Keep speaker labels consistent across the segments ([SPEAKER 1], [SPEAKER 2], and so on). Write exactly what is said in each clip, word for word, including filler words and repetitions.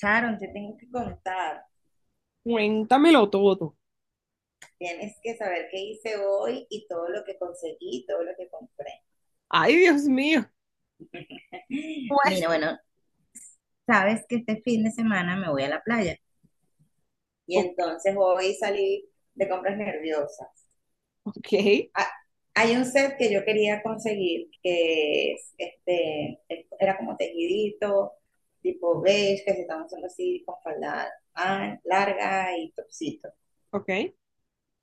[SPEAKER 1] Sharon, te tengo que contar.
[SPEAKER 2] Cuéntamelo todo.
[SPEAKER 1] Tienes que saber qué hice hoy y todo lo que conseguí, todo lo que compré.
[SPEAKER 2] Ay, Dios mío. Pues,
[SPEAKER 1] Mira, bueno, sabes que este fin de semana me voy a la playa y
[SPEAKER 2] o-
[SPEAKER 1] entonces hoy salí de compras nerviosas.
[SPEAKER 2] ok,
[SPEAKER 1] Ah, Hay un set que yo quería conseguir que es, este, es- era como tejidito, tipo beige, que se están usando así con falda ah, larga y topsito.
[SPEAKER 2] ok,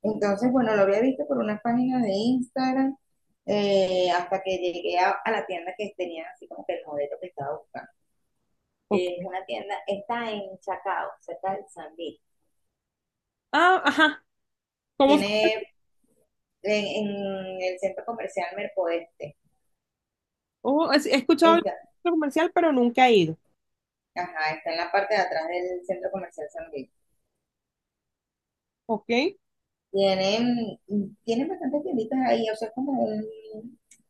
[SPEAKER 1] Entonces, bueno, lo había visto por unas páginas de Instagram eh, hasta que llegué a, a la tienda que tenía así como que el modelo que estaba buscando. Es
[SPEAKER 2] ok.
[SPEAKER 1] una tienda, está en Chacao, cerca del San Luis.
[SPEAKER 2] Ah, ajá. ¿Cómo se-
[SPEAKER 1] Tiene en, en el centro comercial Mercoeste.
[SPEAKER 2] oh, es- he escuchado el
[SPEAKER 1] Está,
[SPEAKER 2] centro comercial, pero nunca he ido.
[SPEAKER 1] ajá, está en la parte de atrás del centro comercial San Luis.
[SPEAKER 2] Ok,
[SPEAKER 1] Tienen, tienen bastantes tienditas ahí, o sea, es como un,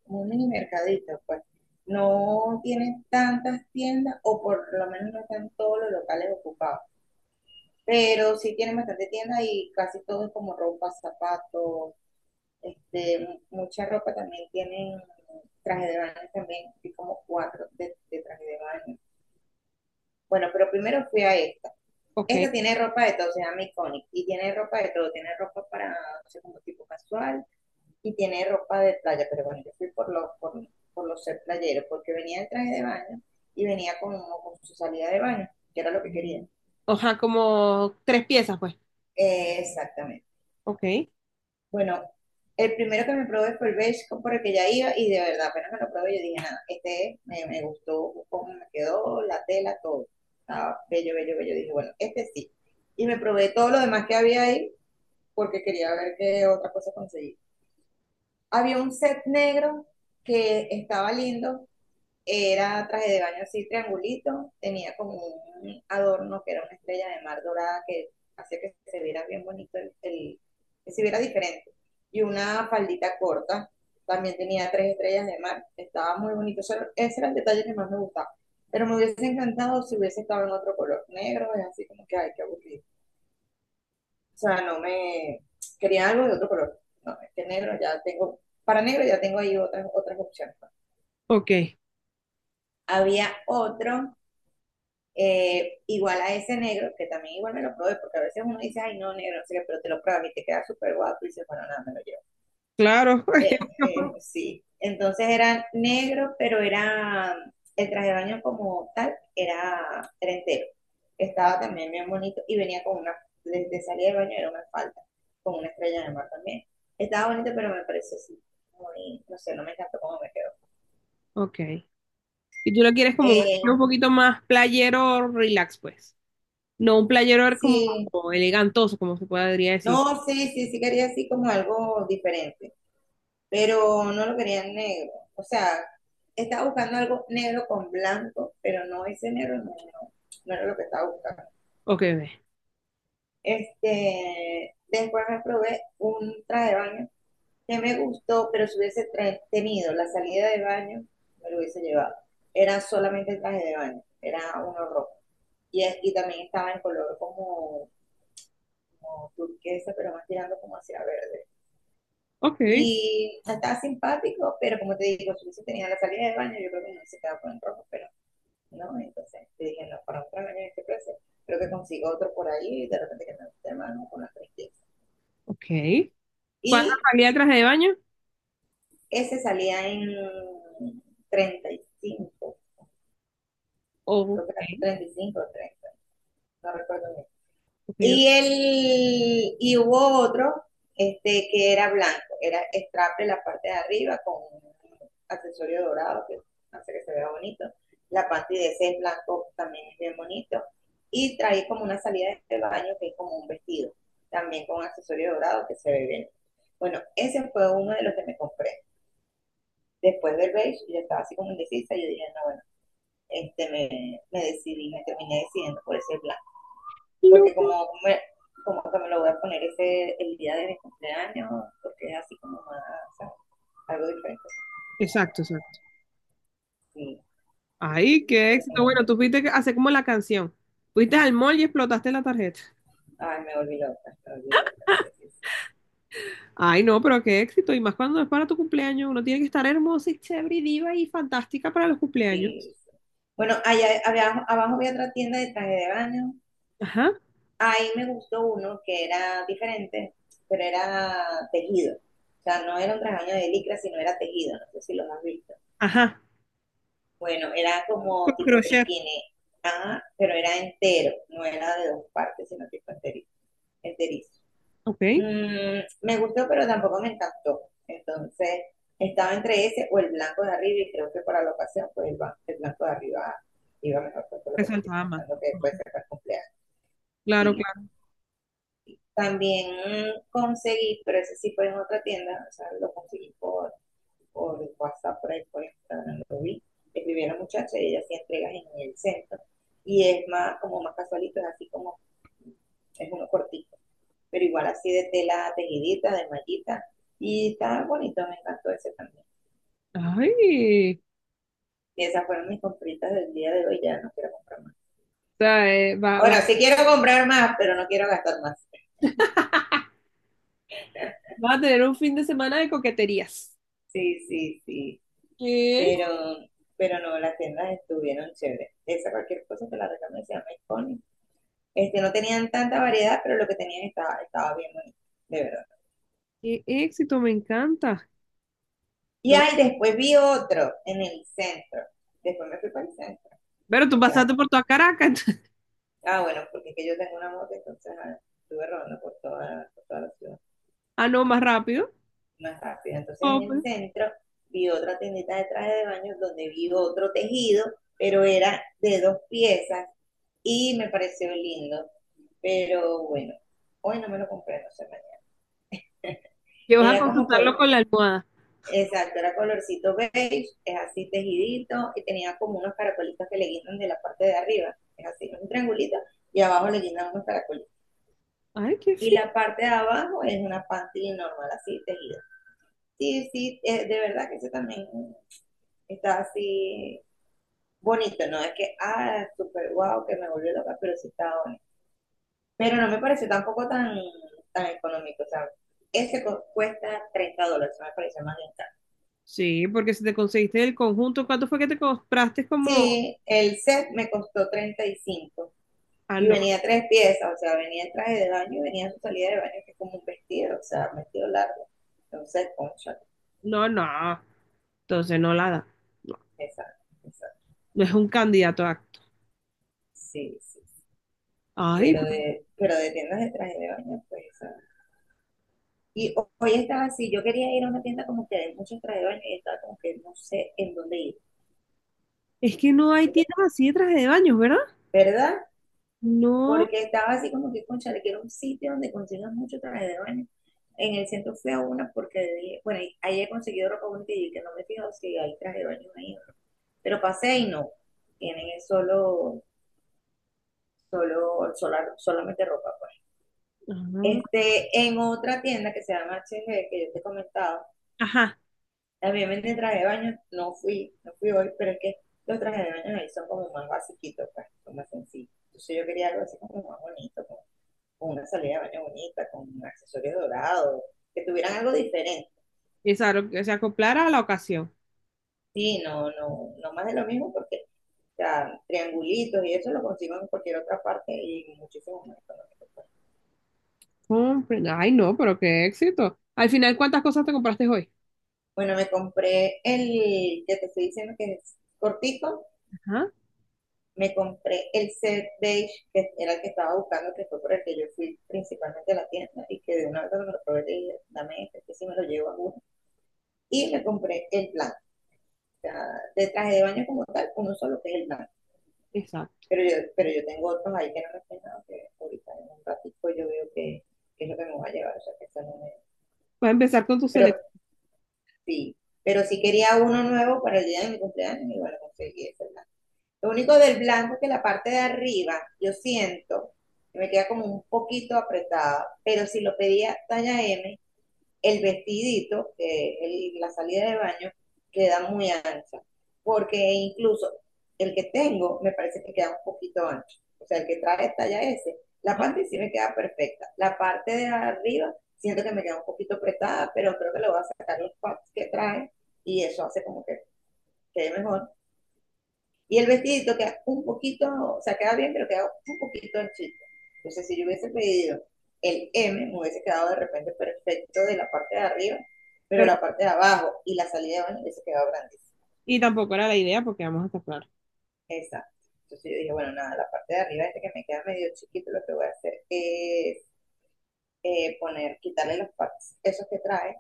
[SPEAKER 1] un mini mercadito, pues. No tienen tantas tiendas, o por lo menos no están todos los locales ocupados, pero sí tienen bastante tiendas y casi todo es como ropa, zapatos, este, mu- mucha ropa también tienen traje de baño también, vi como cuatro de, de traje de baño. Bueno, pero primero fui a esta.
[SPEAKER 2] ok.
[SPEAKER 1] Esta tiene ropa de todo, se llama Iconic, y tiene ropa de todo, tiene ropa para, no sé, como tipo casual y tiene ropa de playa, pero bueno, yo fui por lo, por, por lo ser playero, porque venía en traje de baño y venía con, con su salida de baño, que era lo que quería.
[SPEAKER 2] Ajá, como tres piezas, pues.
[SPEAKER 1] Eh, exactamente.
[SPEAKER 2] Ok,
[SPEAKER 1] Bueno, el primero que me probé fue el beige por el que ya iba y de verdad, apenas me lo probé, yo dije, nada, este es, me, me gustó cómo me quedó, la tela, todo. Estaba bello, bello, bello. Dije, bueno, este sí. Y me probé todo lo demás que había ahí porque quería ver qué otra cosa conseguí. Había un set negro que estaba lindo. Era traje de baño así triangulito, tenía como un adorno que era una estrella de mar dorada que hacía que se viera bien bonito, el, el- que se viera diferente. Y una faldita corta, también tenía tres estrellas de mar, estaba muy bonito. Eso era- ese era el detalle que más me gustaba. Pero me hubiese encantado si hubiese estado en otro color negro, es así como que, ay, qué aburrido. O sea, no me... Quería algo de otro color. No, es que negro ya tengo, para negro ya tengo ahí otras, otras opciones, pues.
[SPEAKER 2] ok.
[SPEAKER 1] Había otro Eh, igual a ese negro, que también igual me lo probé, porque a veces uno dice, ay, no, negro, no sé qué, pero te lo pruebas y te queda súper guapo y dices, bueno, nada, me lo llevo.
[SPEAKER 2] Claro.
[SPEAKER 1] Eh, eh, sí, entonces era negro, pero era el traje de baño como tal, era, era entero. Estaba también bien bonito y venía con una, desde de salida de baño era una falda, con una estrella de mar también. Estaba bonito, pero me pareció así, muy, no sé, no me encantó cómo me quedó.
[SPEAKER 2] Ok. Y tú lo quieres como un, un
[SPEAKER 1] Eh,
[SPEAKER 2] poquito más playero, relax, pues. No un playero como
[SPEAKER 1] sí,
[SPEAKER 2] elegantoso, como se podría decir.
[SPEAKER 1] no, sí, sí, sí quería así como algo diferente, pero no lo querían negro. O sea, estaba buscando algo negro con blanco, pero no ese negro no, no, no era lo que estaba buscando.
[SPEAKER 2] Ok, ve.
[SPEAKER 1] Este, después me probé un traje de baño que me gustó, pero si hubiese tra- tenido la salida de baño, me lo hubiese llevado. Era solamente el traje de baño, era uno rojo. Y, es- y también estaba en color como, como turquesa, pero más tirando como hacia verde.
[SPEAKER 2] Ok,
[SPEAKER 1] Y estaba simpático, pero como te digo, su hizo tenía la salida del baño, yo creo que no se quedaba con el rojo, pero no, entonces te dije, no, para otro baño en este precio, creo que consigo otro por ahí y de repente que me guste más, ¿no? Con las trescientos quince.
[SPEAKER 2] ok. ¿Cuántas
[SPEAKER 1] Y
[SPEAKER 2] salidas traje de baño?
[SPEAKER 1] ese salía en treinta y cinco,
[SPEAKER 2] Ok,
[SPEAKER 1] creo que era
[SPEAKER 2] ok,
[SPEAKER 1] treinta y cinco o treinta, no recuerdo bien.
[SPEAKER 2] ok.
[SPEAKER 1] Y, el, y hubo otro este, que era blanco, era straple la parte de arriba con un accesorio dorado que hace que se vea bonito. La parte de ese es blanco también es bien bonito. Y trae como una salida de baño que es como un vestido, también con accesorio dorado que se ve bien. Bueno, ese fue uno de los que me compré. Después del beige, yo estaba así como indecisa, y yo dije, no, bueno, este, me, me decidí, me terminé decidiendo por ese blanco
[SPEAKER 2] No.
[SPEAKER 1] porque como, como que me lo voy a poner ese el día de mi cumpleaños, porque es así como más, ¿sabes? Algo diferente.
[SPEAKER 2] Exacto, exacto.
[SPEAKER 1] Sí.
[SPEAKER 2] Ay, qué éxito.
[SPEAKER 1] Eh,
[SPEAKER 2] Bueno, tú fuiste a hacer como la canción. Fuiste al mall y explotaste la tarjeta.
[SPEAKER 1] ay, me volví loca, me volví loca, sí, sí, sí.
[SPEAKER 2] Ay, no, pero qué éxito. Y más cuando es para tu cumpleaños. Uno tiene que estar hermosa y chévere y diva y fantástica para los cumpleaños.
[SPEAKER 1] Sí, sí. Bueno, allá había- abajo había otra tienda de traje de baño.
[SPEAKER 2] Ajá,
[SPEAKER 1] Ahí me gustó uno que era diferente, pero era tejido. O sea, no era un traje de baño de licra, sino era tejido. No sé si lo has visto.
[SPEAKER 2] ajá.
[SPEAKER 1] Bueno, era como
[SPEAKER 2] Con
[SPEAKER 1] tipo
[SPEAKER 2] crochet.
[SPEAKER 1] triquine, ah pero era entero, no era de dos partes, sino tipo entero, enterizo.
[SPEAKER 2] Ok,
[SPEAKER 1] Mm, me gustó, pero tampoco me encantó. Entonces, estaba entre ese o el blanco de arriba, y creo que para la ocasión, pues el, el blanco de arriba iba mejor, pues, por lo que te estoy
[SPEAKER 2] resaltaba más.
[SPEAKER 1] comentando, que puede ser para el cumpleaños.
[SPEAKER 2] Claro,
[SPEAKER 1] Y
[SPEAKER 2] claro.
[SPEAKER 1] también mm, conseguí, pero ese sí fue en otra tienda, o sea, lo conseguí por, por WhatsApp, por ahí, por Instagram, lo vi. Escribí a la muchacha y ella hacía entregas en el centro. Y es más, como más casualito, es así como, es uno cortito pero igual así de tela tejidita, de mallita. Y estaba bonito, me encantó ese también.
[SPEAKER 2] Ay, o
[SPEAKER 1] Y esas fueron mis compritas del día de hoy, ya no quiero comprar más.
[SPEAKER 2] sea, eh, va,
[SPEAKER 1] Bueno,
[SPEAKER 2] va,
[SPEAKER 1] sí quiero comprar más, pero no quiero gastar más.
[SPEAKER 2] va a tener un fin de semana de coqueterías.
[SPEAKER 1] Sí, sí, sí.
[SPEAKER 2] ¿Qué?
[SPEAKER 1] Pero, pero no, las tiendas estuvieron chéveres. Esa cualquier cosa te la recomiendo, se llama Iconic. Este, no tenían tanta variedad, pero lo que tenían estaba, estaba bien bonito, de verdad.
[SPEAKER 2] Qué éxito, me encanta.
[SPEAKER 1] Y
[SPEAKER 2] No,
[SPEAKER 1] ahí después vi otro en el centro. Después me fui para el centro
[SPEAKER 2] pero tú
[SPEAKER 1] de
[SPEAKER 2] pasaste por
[SPEAKER 1] Caracas.
[SPEAKER 2] toda Caracas.
[SPEAKER 1] Ah, bueno, porque es que yo tengo una moto, entonces ah, estuve rodando por toda, por toda la ciudad.
[SPEAKER 2] Ah, no, más rápido.
[SPEAKER 1] Más rápido. Entonces en el centro vi otra tiendita de traje de baño donde vi otro tejido, pero era de dos piezas y me pareció lindo. Pero bueno, hoy no me lo compré, no sé mañana.
[SPEAKER 2] Que vas a
[SPEAKER 1] Era como, col-
[SPEAKER 2] consultarlo con la almohada.
[SPEAKER 1] exacto, era colorcito beige, es así tejidito y tenía como unos caracolitos que le guindan de la parte de arriba. Es así, un triangulito y abajo le guindan unos caracolitos.
[SPEAKER 2] Ay, qué
[SPEAKER 1] Y la
[SPEAKER 2] fino.
[SPEAKER 1] parte de abajo es una panty normal, así tejida. Sí, sí, eh, de verdad que eso también está así bonito, no es que, ah, súper guau, que me volvió loca, pero sí está bonito. Pero no me pareció tampoco tan, tan económico, o sea, ese co- cuesta treinta dólares, me pareció más bien caro.
[SPEAKER 2] Sí, porque si te conseguiste el conjunto, ¿cuánto fue que te compraste como?
[SPEAKER 1] Sí, el set me costó treinta y cinco y cinco
[SPEAKER 2] Ah,
[SPEAKER 1] y
[SPEAKER 2] no,
[SPEAKER 1] venía tres piezas, o sea, venía el traje de baño y venía su salida de baño, que es como un vestido, o sea, un vestido largo. Entonces, concha,
[SPEAKER 2] no, no. Entonces no la da. No,
[SPEAKER 1] esa, esa
[SPEAKER 2] no es un candidato a acto.
[SPEAKER 1] Sí, sí, sí.
[SPEAKER 2] Ay,
[SPEAKER 1] Pero de, pero de tiendas de traje de baño, pues, ah. Y ho- hoy estaba así, yo quería ir a una tienda como que de muchos trajes de baño y estaba como que no sé en dónde ir.
[SPEAKER 2] es que no hay
[SPEAKER 1] O sea,
[SPEAKER 2] tiendas así de traje de baños, ¿verdad?
[SPEAKER 1] ¿verdad?
[SPEAKER 2] No.
[SPEAKER 1] Porque estaba así como que, concha, le quiero un sitio donde consigas mucho traje de baño. En el centro fui a una porque dije, bueno, y ahí he conseguido ropa bonita y que no me he fijado si hay traje de baño ahí o no. Pero pasé y no. Tienen es solo, solo, sola- solamente ropa, pues.
[SPEAKER 2] Ah,
[SPEAKER 1] Este, en otra tienda que se llama H G, que yo te comentaba,
[SPEAKER 2] Ajá.
[SPEAKER 1] también vendí traje de baño, no fui, no fui hoy, pero es que los trajes de baño ahí son como más basiquitos, pues, son más sencillos. Entonces yo quería algo así como más bonito, con, con una salida de baño bonita, con accesorios dorados, que tuvieran algo diferente.
[SPEAKER 2] Exacto, que se acoplara a la ocasión.
[SPEAKER 1] Sí, no, no, no más de lo mismo porque ya triangulitos y eso lo consigo en cualquier otra parte y muchísimo más económico, pues.
[SPEAKER 2] Compre- Ay, no, pero qué éxito. Al final, ¿cuántas cosas te compraste hoy?
[SPEAKER 1] Bueno, me compré el que te estoy diciendo que es cortico,
[SPEAKER 2] Ajá,
[SPEAKER 1] me compré el set beige, que era el que estaba buscando, que fue por el que yo fui principalmente a la tienda, y que de una vez cuando me lo probé le dije, dame este, que si me lo llevo a uno. Y me compré el blanco, o sea, de traje de baño como tal, uno solo que es el blanco.
[SPEAKER 2] exacto.
[SPEAKER 1] Pero yo, pero yo tengo otros ahí que no me he peinado, que ahorita en un ratito yo veo que, que es lo que me voy a llevar, o sea, que eso no me...
[SPEAKER 2] Vas a empezar con tu
[SPEAKER 1] Pero
[SPEAKER 2] selección,
[SPEAKER 1] sí, pero sí quería uno nuevo para el día de mi cumpleaños, y bueno, conseguí ese blanco. Lo único del blanco es que la parte de arriba, yo siento que me queda como un poquito apretada, pero si lo pedía talla M, el vestidito, que el- la salida de baño, queda muy ancha, porque incluso el que tengo me parece que queda un poquito ancho. O sea, el que trae talla S, la parte sí me queda perfecta. La parte de arriba siento que me queda un poquito apretada, pero creo que le voy a sacar los pads que trae y eso hace como que quede mejor. Y el vestidito queda un poquito, o sea, queda bien, pero queda un poquito anchito. Entonces, si yo hubiese pedido el M, me hubiese quedado de repente perfecto de la parte de arriba, pero la
[SPEAKER 2] pero,
[SPEAKER 1] parte de abajo y la salida de baño hubiese quedado grandísima.
[SPEAKER 2] y tampoco era la idea porque vamos a estar claros.
[SPEAKER 1] Exacto. Entonces yo dije, bueno, nada, la parte de arriba, este que me queda medio chiquito, lo que voy a hacer es eh, poner, quitarle los partes, esos que trae,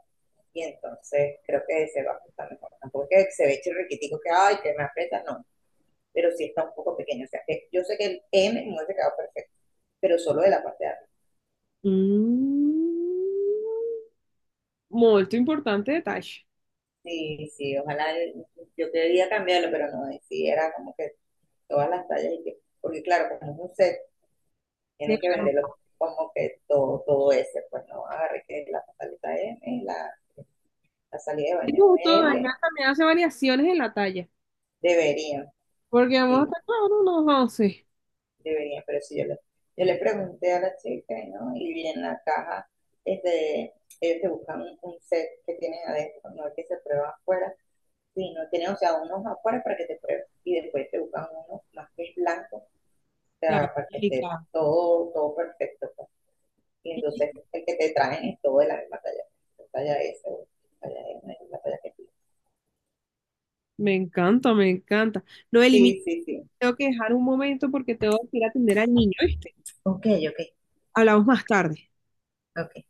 [SPEAKER 1] y entonces creo que se va a ajustar mejor. Tampoco es que se ve chirriquitico que, ay, que me aprieta, no, pero sí está un poco pequeño. O sea, que yo sé que el M me hubiese quedado perfecto, pero solo de la parte de arriba.
[SPEAKER 2] Mm, molto importante detalle.
[SPEAKER 1] Sí, sí, ojalá el- yo quería cambiarlo, pero no, y sí, era como que todas las tallas y que, porque claro, como es un set, tienen que
[SPEAKER 2] Grande.
[SPEAKER 1] venderlo como que todo, todo ese, pues no agarré que la pantaleta M, la, la salida de
[SPEAKER 2] E
[SPEAKER 1] baño
[SPEAKER 2] Giusto, Daniel
[SPEAKER 1] L,
[SPEAKER 2] también hace variaciones en la talla,
[SPEAKER 1] deberían,
[SPEAKER 2] porque vamos a
[SPEAKER 1] sí,
[SPEAKER 2] estar claro, no once.
[SPEAKER 1] debería, pero si yo le, yo le pregunté a la chica, ¿no? Y vi en la caja, este, ellos te buscan un, un set que tienen adentro, no el que se prueba afuera, sino tienen, o sea, unos afuera para que te pruebes y después te buscan uno más que es blanco, o
[SPEAKER 2] Claro,
[SPEAKER 1] sea, para que esté
[SPEAKER 2] delicado.
[SPEAKER 1] todo, todo perfecto, pues. Y entonces el que te traen es todo de la misma talla, la talla S, o la talla M, la talla que tú.
[SPEAKER 2] Me encanta, me encanta. Noeli, mira,
[SPEAKER 1] Sí, sí, sí.
[SPEAKER 2] tengo que dejar un momento porque tengo que ir a atender al niño, ¿viste?
[SPEAKER 1] Ok, ok,
[SPEAKER 2] Hablamos más tarde.
[SPEAKER 1] ok.